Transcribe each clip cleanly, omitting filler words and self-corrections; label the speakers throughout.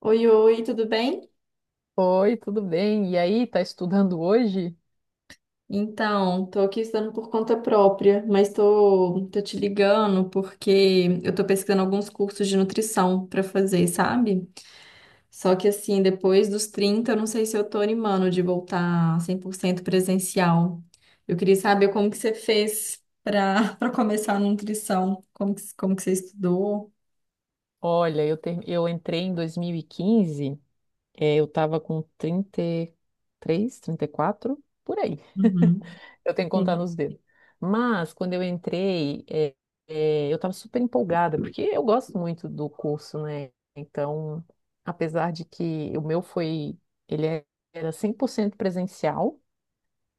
Speaker 1: Oi, oi, tudo bem?
Speaker 2: Oi, tudo bem? E aí, tá estudando hoje?
Speaker 1: Então, tô aqui estudando por conta própria, mas tô te ligando porque eu tô pesquisando alguns cursos de nutrição pra fazer, sabe? Só que assim, depois dos 30, eu não sei se eu tô animando de voltar 100% presencial. Eu queria saber como que você fez pra para começar a nutrição, como que você estudou?
Speaker 2: Olha, eu entrei em 2015, eu tava com 30, 33, 34, por aí.
Speaker 1: Uhum,
Speaker 2: Eu tenho que contar
Speaker 1: sim.
Speaker 2: nos dedos. Mas, quando eu entrei, eu estava super empolgada, porque eu gosto muito do curso, né? Então, apesar de que o meu foi, ele é- era 100% presencial.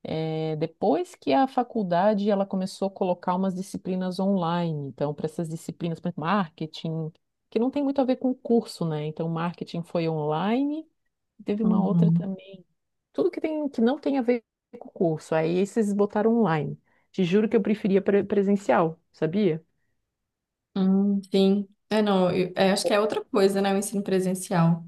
Speaker 2: É, depois que a faculdade ela começou a colocar umas disciplinas online, então para essas disciplinas, por exemplo, marketing, que não tem muito a ver com o curso, né? Então marketing foi online, teve uma outra
Speaker 1: Uhum.
Speaker 2: também. Tudo que tem que não tem a ver com o curso, aí esses botaram online. Te juro que eu preferia presencial, sabia?
Speaker 1: Sim. É, não, é, acho que é outra coisa, né? O ensino presencial.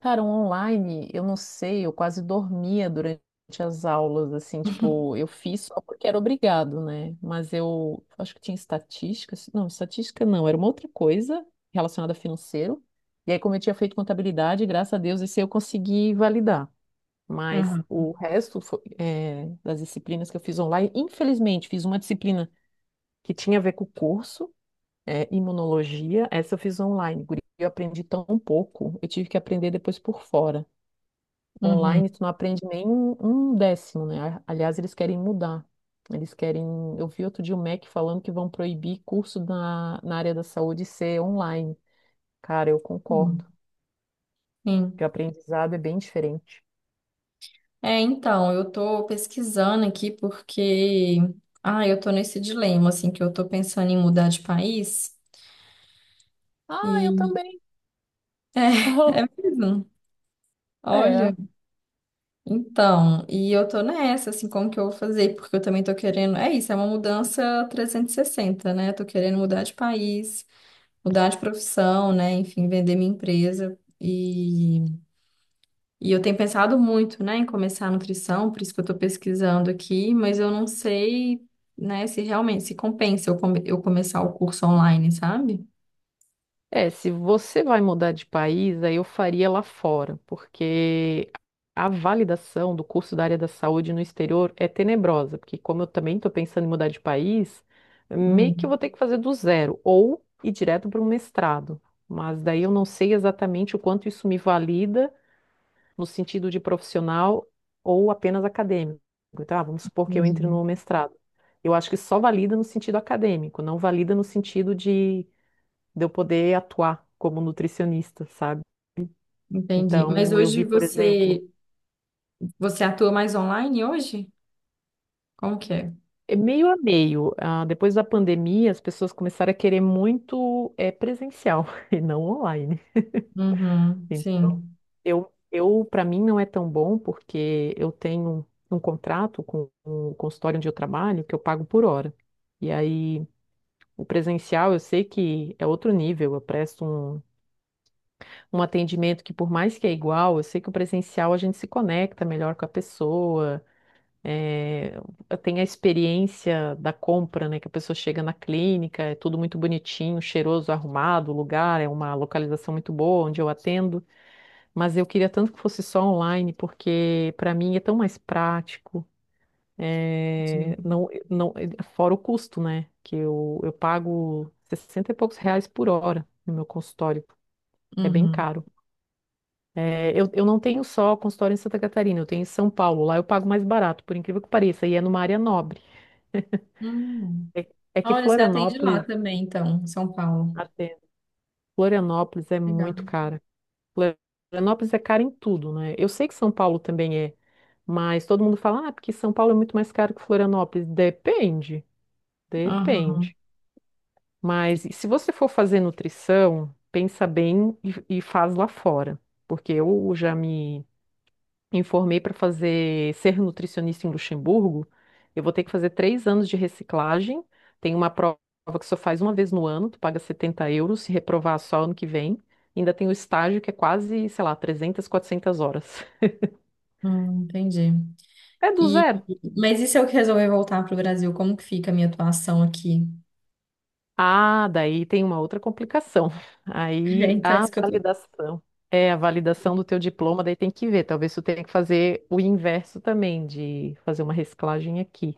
Speaker 2: Cara, um online, eu não sei, eu quase dormia durante as aulas, assim, tipo, eu fiz só porque era obrigado, né? Mas eu acho que tinha estatística, estatística não, era uma outra coisa relacionada a financeiro. E aí, como eu tinha feito contabilidade, graças a Deus, esse eu consegui validar. Mas
Speaker 1: Uhum.
Speaker 2: o resto foi, é, das disciplinas que eu fiz online, infelizmente, fiz uma disciplina que tinha a ver com o curso, é, imunologia, essa eu fiz online, guria, eu aprendi tão pouco, eu tive que aprender depois por fora.
Speaker 1: Uhum.
Speaker 2: Online, tu não aprende nem um décimo, né? A- Aliás, eles querem mudar. Eles querem. Eu vi outro dia o MEC falando que vão proibir curso na área da saúde ser online. Cara, eu concordo. Que
Speaker 1: Sim.
Speaker 2: o aprendizado é bem diferente.
Speaker 1: É, então, eu tô pesquisando aqui porque, ah, eu tô nesse dilema, assim, que eu tô pensando em mudar de país
Speaker 2: Ah, eu
Speaker 1: e,
Speaker 2: também.
Speaker 1: é, é mesmo,
Speaker 2: É.
Speaker 1: olha, então, e eu tô nessa, assim, como que eu vou fazer? Porque eu também tô querendo, é isso, é uma mudança 360, né? Tô querendo mudar de país, mudar de profissão, né? Enfim, vender minha empresa E eu tenho pensado muito, né, em começar a nutrição, por isso que eu estou pesquisando aqui, mas eu não sei, né, se realmente se compensa eu começar o curso online, sabe?
Speaker 2: É, se você vai mudar de país, aí eu faria lá fora, porque a validação do curso da área da saúde no exterior é tenebrosa, porque como eu também estou pensando em mudar de país, meio que eu
Speaker 1: Hum,
Speaker 2: vou ter que fazer do zero, ou ir direto para um mestrado. Mas daí eu não sei exatamente o quanto isso me valida no sentido de profissional ou apenas acadêmico. Então, ah, vamos supor que eu entre
Speaker 1: entendi.
Speaker 2: no mestrado. Eu acho que só valida no sentido acadêmico, não valida no sentido de eu poder atuar como nutricionista, sabe?
Speaker 1: Entendi. Mas
Speaker 2: Então, eu
Speaker 1: hoje
Speaker 2: vi, por exemplo,
Speaker 1: você atua mais online hoje? Como que é?
Speaker 2: é meio a meio. Ah, depois da pandemia, as pessoas começaram a querer muito é, presencial e não online.
Speaker 1: Uhum,
Speaker 2: Então,
Speaker 1: sim.
Speaker 2: eu para mim não é tão bom porque eu tenho um contrato com o consultório onde eu trabalho que eu pago por hora. E aí, o presencial, eu sei que é outro nível. Eu presto um atendimento que, por mais que é igual, eu sei que o presencial a gente se conecta melhor com a pessoa. É, eu tenho a experiência da compra, né? Que a pessoa chega na clínica, é tudo muito bonitinho, cheiroso, arrumado, o lugar, é uma localização muito boa onde eu atendo, mas eu queria tanto que fosse só online, porque para mim é tão mais prático, é,
Speaker 1: Entendi.
Speaker 2: não, não, é, fora o custo, né? Que eu pago 60 e poucos reais por hora no meu consultório. É bem
Speaker 1: Uhum.
Speaker 2: caro. É, eu não tenho só consultório em Santa Catarina, eu tenho em São Paulo. Lá eu pago mais barato, por incrível que pareça, e é numa área nobre.
Speaker 1: Hum.
Speaker 2: É, é que
Speaker 1: Olha, você atende lá
Speaker 2: Florianópolis,
Speaker 1: também, então, em São Paulo.
Speaker 2: até, Florianópolis é
Speaker 1: Legal.
Speaker 2: muito cara. Florianópolis é cara em tudo, né? Eu sei que São Paulo também é, mas todo mundo fala, ah, porque São Paulo é muito mais caro que Florianópolis. Depende,
Speaker 1: Aham.
Speaker 2: depende. Mas se você for fazer nutrição, pensa bem e faz lá fora. Porque eu já me formei para fazer ser nutricionista em Luxemburgo, eu vou ter que fazer 3 anos de reciclagem. Tem uma prova que só faz uma vez no ano, tu paga 70 euros, se reprovar só ano que vem. Ainda tem o estágio que é quase, sei lá, 300, 400 horas.
Speaker 1: Entendi.
Speaker 2: É do
Speaker 1: E,
Speaker 2: zero.
Speaker 1: mas e se eu resolver voltar para o Brasil, como que fica a minha atuação aqui?
Speaker 2: Ah, daí tem uma outra complicação.
Speaker 1: É,
Speaker 2: Aí
Speaker 1: então é
Speaker 2: a
Speaker 1: isso que eu tô.
Speaker 2: validação. É, a validação do teu diploma, daí tem que ver. Talvez tu tenha que fazer o inverso também, de fazer uma reciclagem aqui.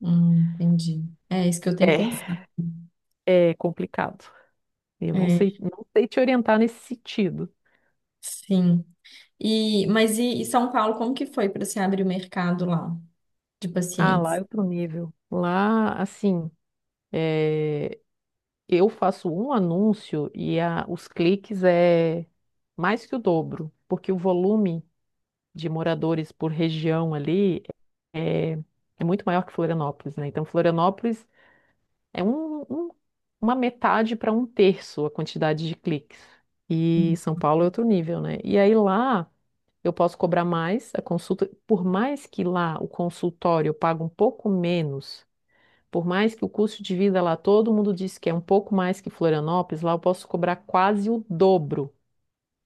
Speaker 1: Entendi. É isso que eu tenho que
Speaker 2: É,
Speaker 1: pensar.
Speaker 2: é complicado. Eu não
Speaker 1: É,
Speaker 2: sei, não sei te orientar nesse sentido.
Speaker 1: sim. E, mas e São Paulo, como que foi para se abrir o mercado lá de
Speaker 2: Ah, lá é
Speaker 1: pacientes?
Speaker 2: outro nível. Lá, assim, é, eu faço um anúncio e os cliques é mais que o dobro, porque o volume de moradores por região ali é, é muito maior que Florianópolis, né? Então, Florianópolis é uma metade para um terço a quantidade de cliques. E São Paulo é outro nível, né? E aí lá. Eu posso cobrar mais a consulta, por mais que lá o consultório eu pague um pouco menos, por mais que o custo de vida lá todo mundo diz que é um pouco mais que Florianópolis, lá eu posso cobrar quase o dobro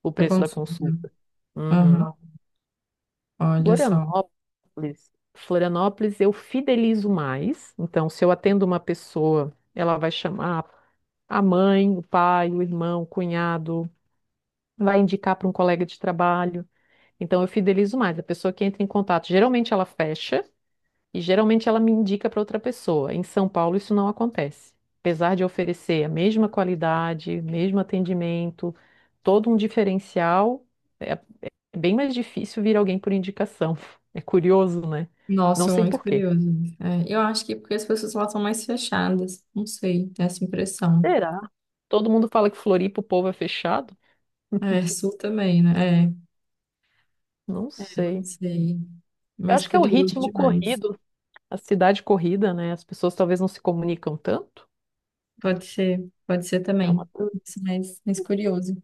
Speaker 2: o
Speaker 1: Da
Speaker 2: preço da
Speaker 1: consulta.
Speaker 2: consulta. Uhum.
Speaker 1: Aham, olha só.
Speaker 2: Florianópolis eu fidelizo mais. Então, se eu atendo uma pessoa, ela vai chamar a mãe, o pai, o irmão, o cunhado, vai indicar para um colega de trabalho. Então eu fidelizo mais. A pessoa que entra em contato, geralmente ela fecha e geralmente ela me indica para outra pessoa. Em São Paulo isso não acontece. Apesar de oferecer a mesma qualidade, mesmo atendimento, todo um diferencial, é bem mais difícil vir alguém por indicação. É curioso, né? Não
Speaker 1: Nossa, eu
Speaker 2: sei
Speaker 1: muito
Speaker 2: por quê.
Speaker 1: curioso. É, eu acho que porque as pessoas lá são mais fechadas. Não sei, tem essa impressão.
Speaker 2: Será? Todo mundo fala que Floripa o povo é fechado?
Speaker 1: É, sul também, né? É,
Speaker 2: Não
Speaker 1: não
Speaker 2: sei.
Speaker 1: sei.
Speaker 2: Eu
Speaker 1: Mas
Speaker 2: acho que é o
Speaker 1: curioso
Speaker 2: ritmo
Speaker 1: demais.
Speaker 2: corrido, a cidade corrida, né? As pessoas talvez não se comunicam tanto.
Speaker 1: Pode ser
Speaker 2: É
Speaker 1: também.
Speaker 2: uma...
Speaker 1: Isso, mas curioso.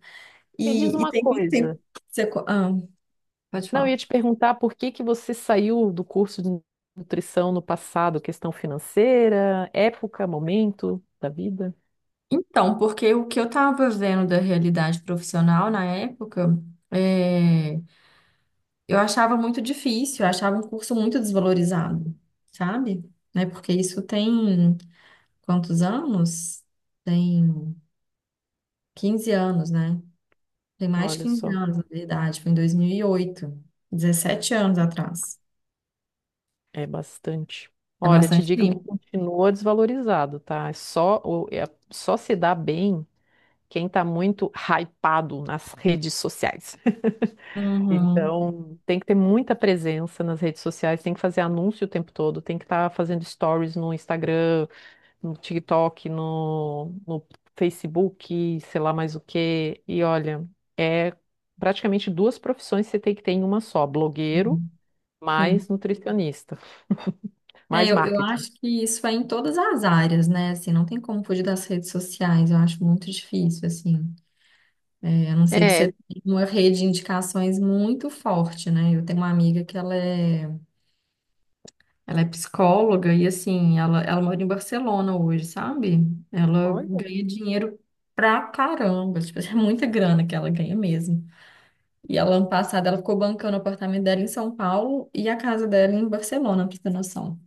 Speaker 2: Me diz
Speaker 1: E
Speaker 2: uma
Speaker 1: tem quanto tempo
Speaker 2: coisa.
Speaker 1: que você. Ah, pode
Speaker 2: Não, eu ia
Speaker 1: falar.
Speaker 2: te perguntar por que que você saiu do curso de nutrição no passado, questão financeira, época, momento da vida.
Speaker 1: Então, porque o que eu estava vendo da realidade profissional na época, é, eu achava muito difícil, eu achava um curso muito desvalorizado, sabe? Né? Porque isso tem quantos anos? Tem 15 anos, né? Tem mais de
Speaker 2: Olha
Speaker 1: 15
Speaker 2: só,
Speaker 1: anos, na verdade, foi em 2008, 17 anos atrás.
Speaker 2: é bastante.
Speaker 1: É
Speaker 2: Olha, te
Speaker 1: bastante
Speaker 2: digo que
Speaker 1: tempo.
Speaker 2: continua desvalorizado, tá? Só se dá bem quem tá muito hypado nas redes sociais.
Speaker 1: Uhum.
Speaker 2: Então, tem que ter muita presença nas redes sociais, tem que fazer anúncio o tempo todo, tem que estar fazendo stories no Instagram, no TikTok, no Facebook, sei lá mais o quê. E olha, é praticamente duas profissões que você tem que ter em uma só: blogueiro mais
Speaker 1: Sim.
Speaker 2: nutricionista,
Speaker 1: É,
Speaker 2: mais
Speaker 1: eu
Speaker 2: marketing.
Speaker 1: acho que isso é em todas as áreas, né? Assim, não tem como fugir das redes sociais. Eu acho muito difícil, assim. É, a não ser que
Speaker 2: É,
Speaker 1: você tenha uma rede de indicações muito forte, né? Eu tenho uma amiga que ela é psicóloga e, assim, ela mora em Barcelona hoje, sabe? Ela
Speaker 2: olha.
Speaker 1: ganha dinheiro pra caramba, tipo, é muita grana que ela ganha mesmo. E ela, ano passado, ela ficou bancando o apartamento dela em São Paulo e a casa dela em Barcelona, pra você ter noção.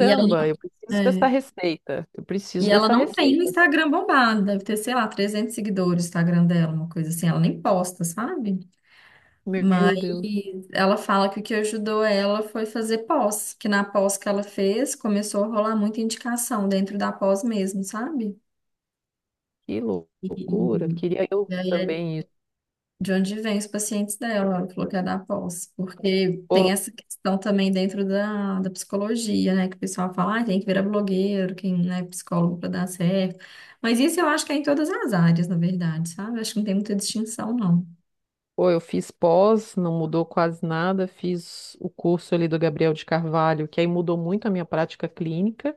Speaker 1: E ela,
Speaker 2: eu preciso dessa
Speaker 1: é,
Speaker 2: receita. Eu
Speaker 1: e
Speaker 2: preciso
Speaker 1: ela
Speaker 2: dessa
Speaker 1: não tem o
Speaker 2: receita.
Speaker 1: Instagram bombado, deve ter, sei lá, 300 seguidores o Instagram dela, uma coisa assim, ela nem posta, sabe? Mas
Speaker 2: Meu Deus,
Speaker 1: ela fala que o que ajudou ela foi fazer pós, que na pós que ela fez começou a rolar muita indicação dentro da pós mesmo, sabe?
Speaker 2: que
Speaker 1: E,
Speaker 2: loucura. Queria eu
Speaker 1: e- aí é
Speaker 2: também isso.
Speaker 1: de onde vem os pacientes dela, ela falou que é da pós, porque
Speaker 2: Ou,
Speaker 1: tem essa questão também dentro da psicologia, né? Que o pessoal fala, ah, tem que virar blogueiro, quem não é psicólogo para dar certo. Mas isso eu acho que é em todas as áreas, na verdade, sabe? Acho que não tem muita distinção, não.
Speaker 2: ou eu fiz pós, não mudou quase nada. Fiz o curso ali do Gabriel de Carvalho, que aí mudou muito a minha prática clínica.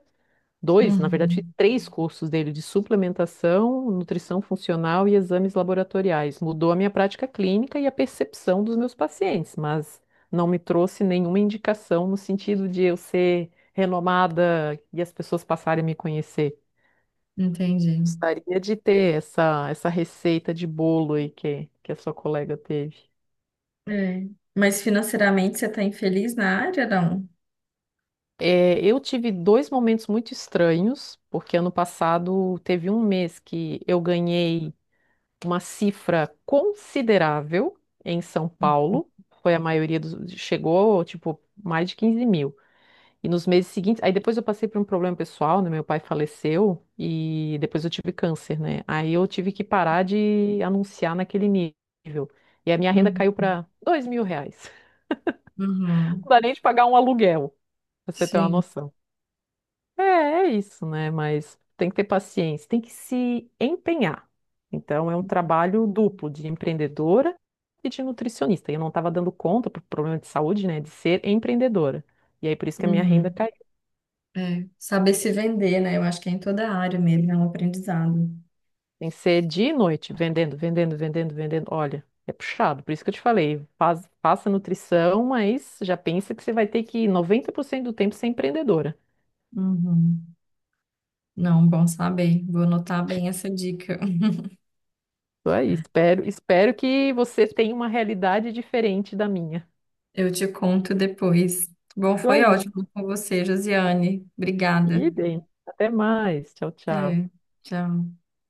Speaker 2: Dois, na verdade,
Speaker 1: Uhum,
Speaker 2: três cursos dele de suplementação, nutrição funcional e exames laboratoriais. Mudou a minha prática clínica e a percepção dos meus pacientes, mas não me trouxe nenhuma indicação no sentido de eu ser renomada e as pessoas passarem a me conhecer.
Speaker 1: entendi.
Speaker 2: Gostaria de ter essa receita de bolo aí que a sua colega teve.
Speaker 1: É. Mas financeiramente você está infeliz na área, não?
Speaker 2: É, eu tive dois momentos muito estranhos, porque ano passado teve um mês que eu ganhei uma cifra considerável em São Paulo. Foi a maioria dos. Chegou, tipo, mais de 15 mil. E nos meses seguintes. Aí depois eu passei por um problema pessoal, né? Meu pai faleceu e depois eu tive câncer, né? Aí eu tive que parar de anunciar naquele nível. E a minha renda
Speaker 1: Uhum.
Speaker 2: caiu para 2 mil reais.
Speaker 1: Uhum.
Speaker 2: Não dá nem de pagar um aluguel, pra você ter uma
Speaker 1: Sim.
Speaker 2: noção. É, é isso, né? Mas tem que ter paciência, tem que se empenhar. Então, é um trabalho duplo de empreendedora e de nutricionista. E eu não estava dando conta, por problema de saúde, né, de ser empreendedora. E aí, por isso que a minha renda
Speaker 1: Uhum.
Speaker 2: caiu.
Speaker 1: É. Saber se vender, né? Eu acho que é em toda a área mesmo, é um aprendizado.
Speaker 2: Tem que ser dia e noite, vendendo, vendendo, vendendo, vendendo. Olha, é puxado. Por isso que eu te falei, faz, faça nutrição, mas já pensa que você vai ter que 90% do tempo ser empreendedora.
Speaker 1: Uhum. Não, bom saber. Vou anotar bem essa dica.
Speaker 2: Isso aí, espero, espero que você tenha uma realidade diferente da minha.
Speaker 1: Eu te conto depois. Bom, foi ótimo com você, Josiane. Obrigada.
Speaker 2: Idem. Até mais. Tchau, tchau.
Speaker 1: É. Tchau.